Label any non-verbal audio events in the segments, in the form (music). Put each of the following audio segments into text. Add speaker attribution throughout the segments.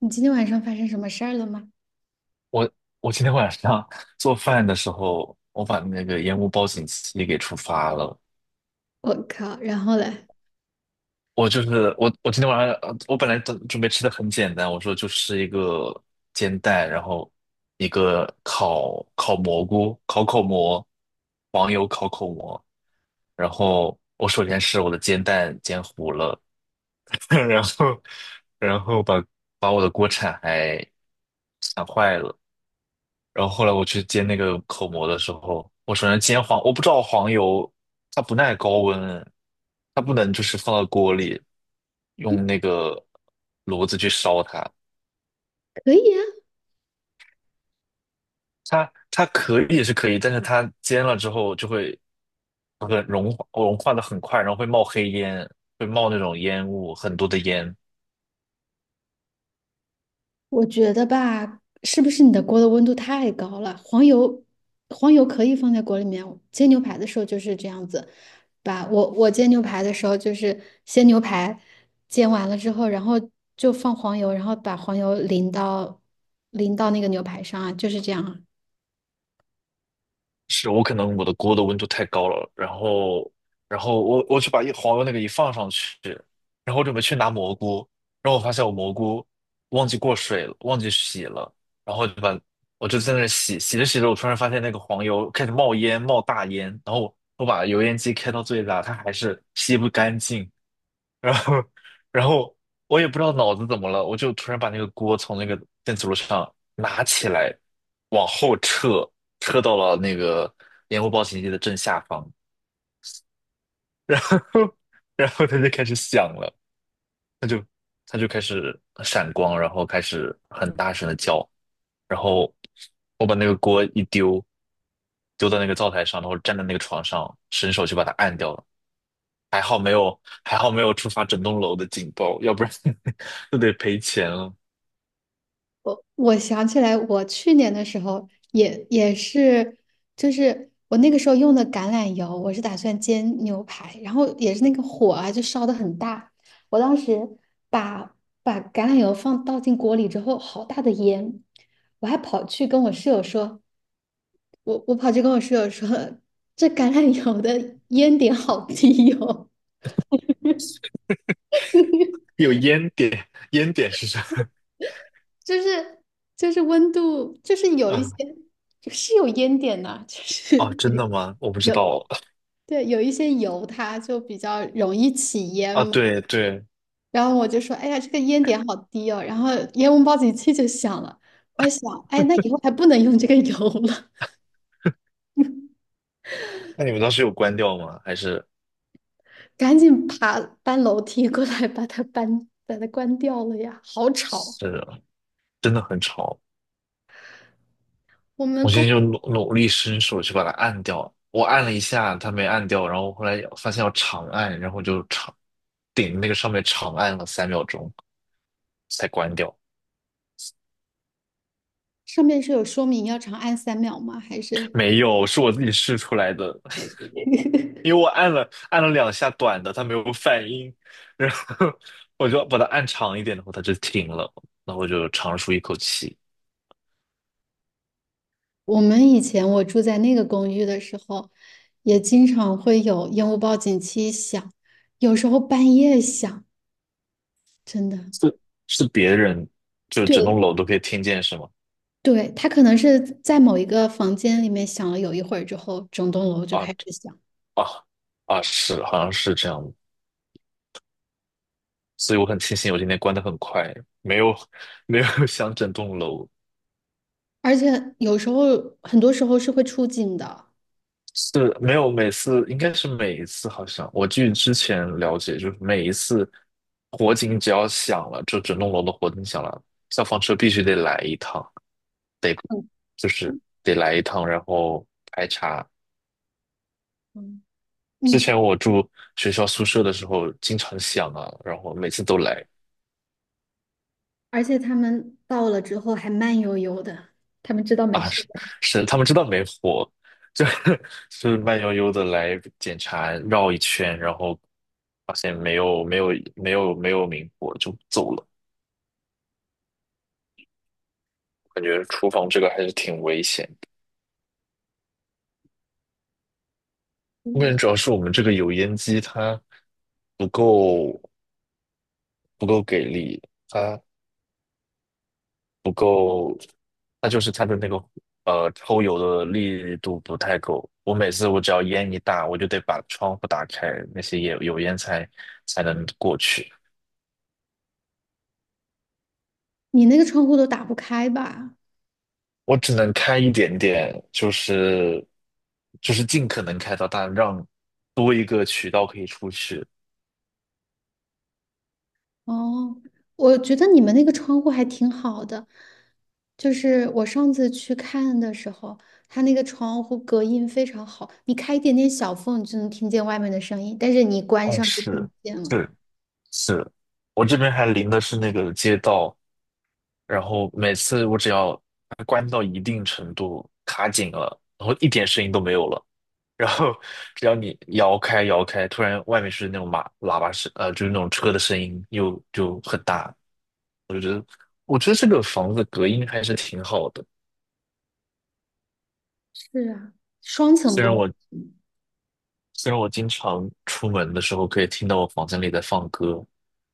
Speaker 1: 你今天晚上发生什么事儿了吗？
Speaker 2: 我我今天晚上做饭的时候，我把那个烟雾报警器给触发了。
Speaker 1: 我靠，然后嘞？
Speaker 2: 我今天晚上我本来准备吃的很简单，我说就吃一个煎蛋，然后一个烤蘑菇、烤口蘑、黄油烤口蘑。然后我首先是我的煎蛋煎糊了，(laughs) 然后然后把把我的锅铲还铲坏了。然后后来我去煎那个口蘑的时候，我首先煎黄，我不知道黄油它不耐高温，它不能就是放到锅里用那个炉子去烧它，
Speaker 1: 可以啊。
Speaker 2: 它可以是可以，但是它煎了之后就会很融化，融化的很快，然后会冒黑烟，会冒那种烟雾，很多的烟。
Speaker 1: 我觉得吧，是不是你的锅的温度太高了？黄油，黄油可以放在锅里面。煎牛排的时候就是这样子，我煎牛排的时候就是先牛排煎完了之后，然后就放黄油，然后把黄油淋到那个牛排上啊，就是这样啊。
Speaker 2: 是我可能我的锅的温度太高了，然后我去把一黄油那个一放上去，然后我准备去拿蘑菇，然后我发现我蘑菇忘记过水了，忘记洗了，然后我就在那儿洗，洗着洗着，我突然发现那个黄油开始冒烟，冒大烟，然后我把油烟机开到最大，它还是吸不干净，然后，然后我也不知道脑子怎么了，我就突然把那个锅从那个电磁炉上拿起来，往后撤，撤到了那个烟雾报警器的正下方，(laughs) 然后它就开始响了，它就它就开始闪光，然后开始很大声的叫，然后我把那个锅一丢，丢到那个灶台上，然后站在那个床上，伸手就把它按掉了。还好没有触发整栋楼的警报，要不然 (laughs) 就得赔钱了。
Speaker 1: 我想起来，我去年的时候也是，就是我那个时候用的橄榄油，我是打算煎牛排，然后也是那个火啊，就烧的很大。我当时把把橄榄油放倒进锅里之后，好大的烟，我还跑去跟我室友说，我我跑去跟我室友说，这橄榄油的烟点好低哦。(laughs)
Speaker 2: 有烟点，烟点是啥？
Speaker 1: 就是就是温度，就是有一些
Speaker 2: 啊，
Speaker 1: 是有烟点的，就
Speaker 2: 哦，
Speaker 1: 是
Speaker 2: 真
Speaker 1: (laughs)。
Speaker 2: 的吗？我不知
Speaker 1: 有，
Speaker 2: 道
Speaker 1: 对，有一些油它就比较容易起烟
Speaker 2: 啊。
Speaker 1: 嘛。
Speaker 2: 对对。
Speaker 1: 然后我就说，哎呀，这个烟点好低哦，然后烟雾报警器就响了，我还想，哎，那以后还不能用这个油了。
Speaker 2: 那你们当时有关掉吗？还是
Speaker 1: (laughs) 赶紧搬楼梯过来把它关掉了呀，好吵！
Speaker 2: 是真的很吵？
Speaker 1: 我们
Speaker 2: 我现
Speaker 1: 公
Speaker 2: 在就努力伸手去把它按掉，我按了一下，它没按掉，然后后来发现要长按，然后就顶那个上面长按了3秒钟才关掉。
Speaker 1: 上面是有说明要长按3秒吗？还是
Speaker 2: 没有，是我自己试出来的。因为我按了两下短的，它没有反应，然后我就把它按长一点，然后它就停了，然后我就长舒一口气。
Speaker 1: 我们以前我住在那个公寓的时候，也经常会有烟雾报警器响，有时候半夜响，真的。
Speaker 2: 是是别人，就整
Speaker 1: 对，
Speaker 2: 栋楼都可以听见是吗？
Speaker 1: 对，他可能是在某一个房间里面想了有一会儿之后，整栋楼就
Speaker 2: 啊，
Speaker 1: 开始响，
Speaker 2: 啊，啊！是，好像是这样的。所以我很庆幸我今天关的很快，没有没有 (laughs) 响整栋楼。
Speaker 1: 而且有时候很多时候是会出警的。
Speaker 2: 是没有每次，应该是每一次，好像我据之前了解，就是每一次火警只要响了，就整栋楼的火警响了，消防车必须得来一趟，得就是得来一趟，然后排查。
Speaker 1: 嗯。
Speaker 2: 之
Speaker 1: 你
Speaker 2: 前我住学校宿舍的时候，经常响啊，然后每次都来
Speaker 1: 而且他们到了之后还慢悠悠的，他们知道没
Speaker 2: 啊。
Speaker 1: 事
Speaker 2: 是，
Speaker 1: 的。
Speaker 2: 是，他们知道没火，就 (laughs) 就是慢悠悠的来检查，绕一圈，然后发现没有明火就走了。感觉厨房这个还是挺危险的。我感
Speaker 1: 嗯。
Speaker 2: 觉主要是我们这个油烟机它不够不够给力，它不够，它就是它的那个抽油的力度不太够。我每次只要烟一大，我就得把窗户打开，那些油烟才能过去。
Speaker 1: 你那个窗户都打不开吧？
Speaker 2: 我只能开一点点，就是尽可能开到，大，让多一个渠道可以出去。
Speaker 1: 哦，我觉得你们那个窗户还挺好的，就是我上次去看的时候，它那个窗户隔音非常好，你开一点点小缝，你就能听见外面的声音，但是你关
Speaker 2: 哦，
Speaker 1: 上就听
Speaker 2: 是，
Speaker 1: 不见了。
Speaker 2: 是，是，我这边还临的是那个街道，然后每次我只要关到一定程度卡紧了，然后一点声音都没有了，然后只要你摇开，突然外面是那种马喇叭声，就是那种车的声音又就很大。我觉得这个房子隔音还是挺好的，
Speaker 1: 是啊，双层
Speaker 2: 虽然
Speaker 1: 玻
Speaker 2: 我
Speaker 1: 璃。
Speaker 2: 虽然我经常出门的时候可以听到我房间里在放歌，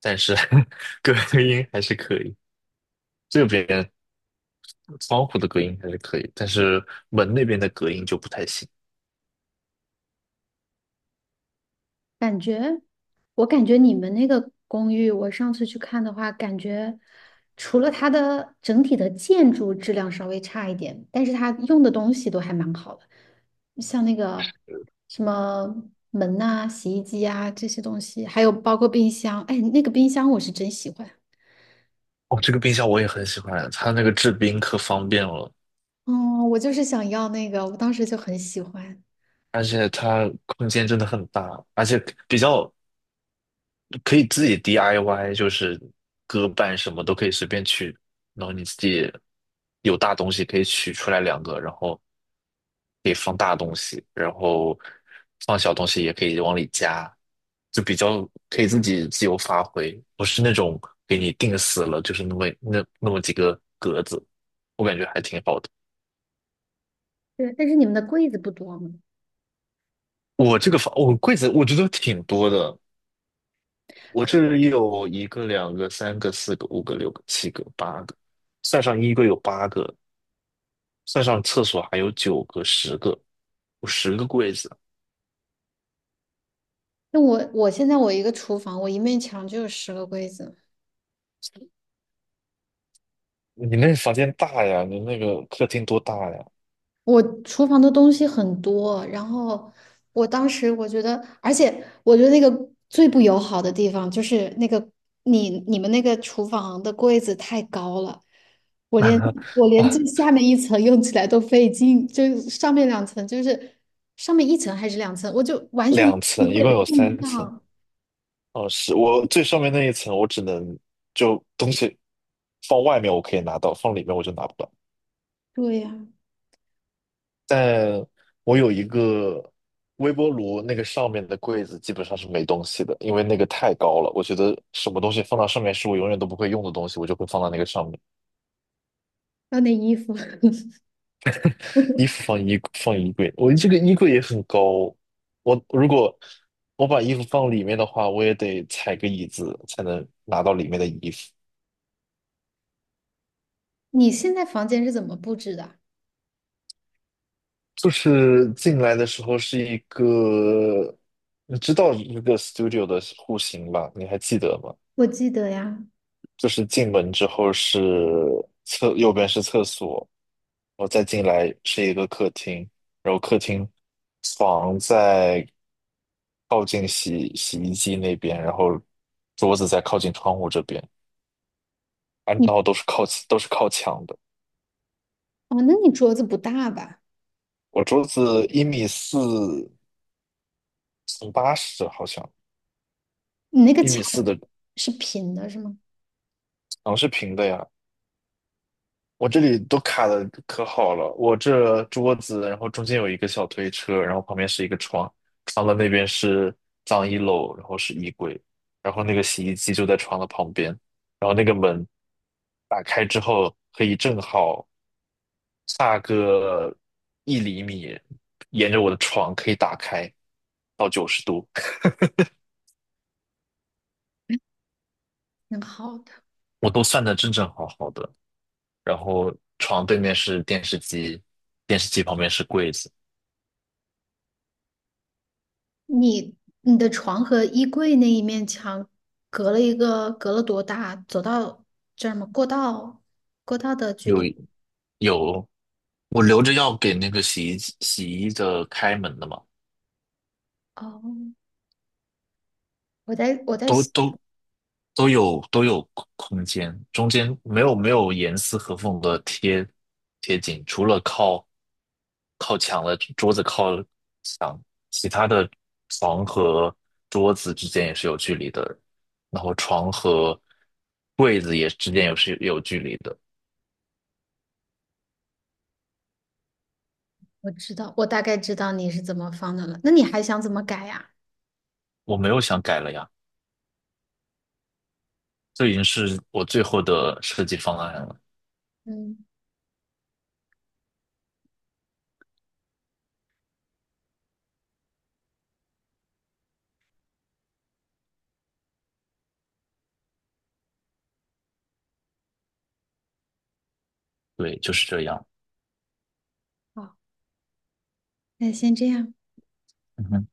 Speaker 2: 但是 (laughs) 隔音还是可以。这边。窗户的隔音还是可以，但是门那边的隔音就不太行。
Speaker 1: 感觉我感觉你们那个公寓，我上次去看的话，感觉除了它的整体的建筑质量稍微差一点，但是它用的东西都还蛮好的。像那个什么门呐、洗衣机啊这些东西，还有包括冰箱。哎，那个冰箱我是真喜欢。
Speaker 2: 哦，这个冰箱我也很喜欢，它那个制冰可方便了，
Speaker 1: 哦，我就是想要那个，我当时就很喜欢。
Speaker 2: 而且它空间真的很大，而且比较可以自己 DIY，就是割板什么都可以随便取，然后你自己有大东西可以取出来两个，然后可以放大东西，然后放小东西也可以往里加，就比较可以自己自由发挥，不是那种给你定死了，就是那么几个格子，我感觉还挺好的。
Speaker 1: 对，但是你们的柜子不多吗？
Speaker 2: 我这个房，我柜子我觉得挺多的，我这
Speaker 1: 可，
Speaker 2: 里有一个、两个、三个、四个、五个、六个、七个、八个，算上衣柜有八个，算上厕所还有9个、十个，有十个柜子。
Speaker 1: 那我现在我一个厨房，我一面墙就有10个柜子。
Speaker 2: 你那房间大呀？你那个客厅多大呀？
Speaker 1: 我厨房的东西很多，然后我当时我觉得，而且我觉得那个最不友好的地方就是那个你们那个厨房的柜子太高了，我连
Speaker 2: (laughs)
Speaker 1: 我连
Speaker 2: 啊，
Speaker 1: 最下面一层用起来都费劲，就上面两层就是上面一层还是两层，我就完全
Speaker 2: 2层，一共有
Speaker 1: 碰不
Speaker 2: 3层。
Speaker 1: 上。
Speaker 2: 哦，是我最上面那一层，我只能就东西放外面我可以拿到，放里面我就拿不到。
Speaker 1: 对呀、
Speaker 2: 但我有一个微波炉，那个上面的柜子基本上是没东西的，因为那个太高了。我觉得什么东西放到上面是我永远都不会用的东西，我就会放到那个上面。
Speaker 1: 还有那衣服。(laughs)
Speaker 2: 衣服放衣柜，我这个衣柜也很高。我如果把衣服放里面的话，我也得踩个椅子才能拿到里面的衣服。
Speaker 1: 你现在房间是怎么布置的？
Speaker 2: 就是进来的时候是一个，你知道一个 studio 的户型吧？你还记得吗？
Speaker 1: 我记得呀。
Speaker 2: 就是进门之后是右边是厕所，然后再进来是一个客厅，然后客厅床在靠近洗衣机那边，然后桌子在靠近窗户这边，啊，然
Speaker 1: 你
Speaker 2: 后都是靠墙的。
Speaker 1: 哦，那你桌子不大吧？
Speaker 2: 我桌子一米四乘80，好像
Speaker 1: 你那个
Speaker 2: 一米
Speaker 1: 墙
Speaker 2: 四的
Speaker 1: 是平的是吗？
Speaker 2: 墙是平的呀，我这里都卡的可好了，我这桌子，然后中间有一个小推车，然后旁边是一个床，床的那边是脏衣篓，然后是衣柜，然后那个洗衣机就在床的旁边，然后那个门打开之后可以正好差个1厘米，沿着我的床可以打开到90度，
Speaker 1: 挺好的。
Speaker 2: 我都算的正正好好的。然后床对面是电视机，电视机旁边是柜子。
Speaker 1: 你你的床和衣柜那一面墙隔了一个，隔了多大？走到这儿吗？过道，过道的距
Speaker 2: 有。
Speaker 1: 离。
Speaker 2: 有，我留着要给那个洗衣机洗衣的开门的嘛，
Speaker 1: 哦，我在
Speaker 2: 都
Speaker 1: 想，
Speaker 2: 都都有空间，中间没有严丝合缝的贴紧，除了靠墙的桌子靠墙，其他的床和桌子之间也是有距离的，然后床和柜子也之间也是有距离的，
Speaker 1: 我知道，我大概知道你是怎么放的了。那你还想怎么改呀？
Speaker 2: 我没有想改了呀，这已经是我最后的设计方案了，
Speaker 1: 嗯。
Speaker 2: 对，就是这样。
Speaker 1: 好，那先这样。
Speaker 2: 嗯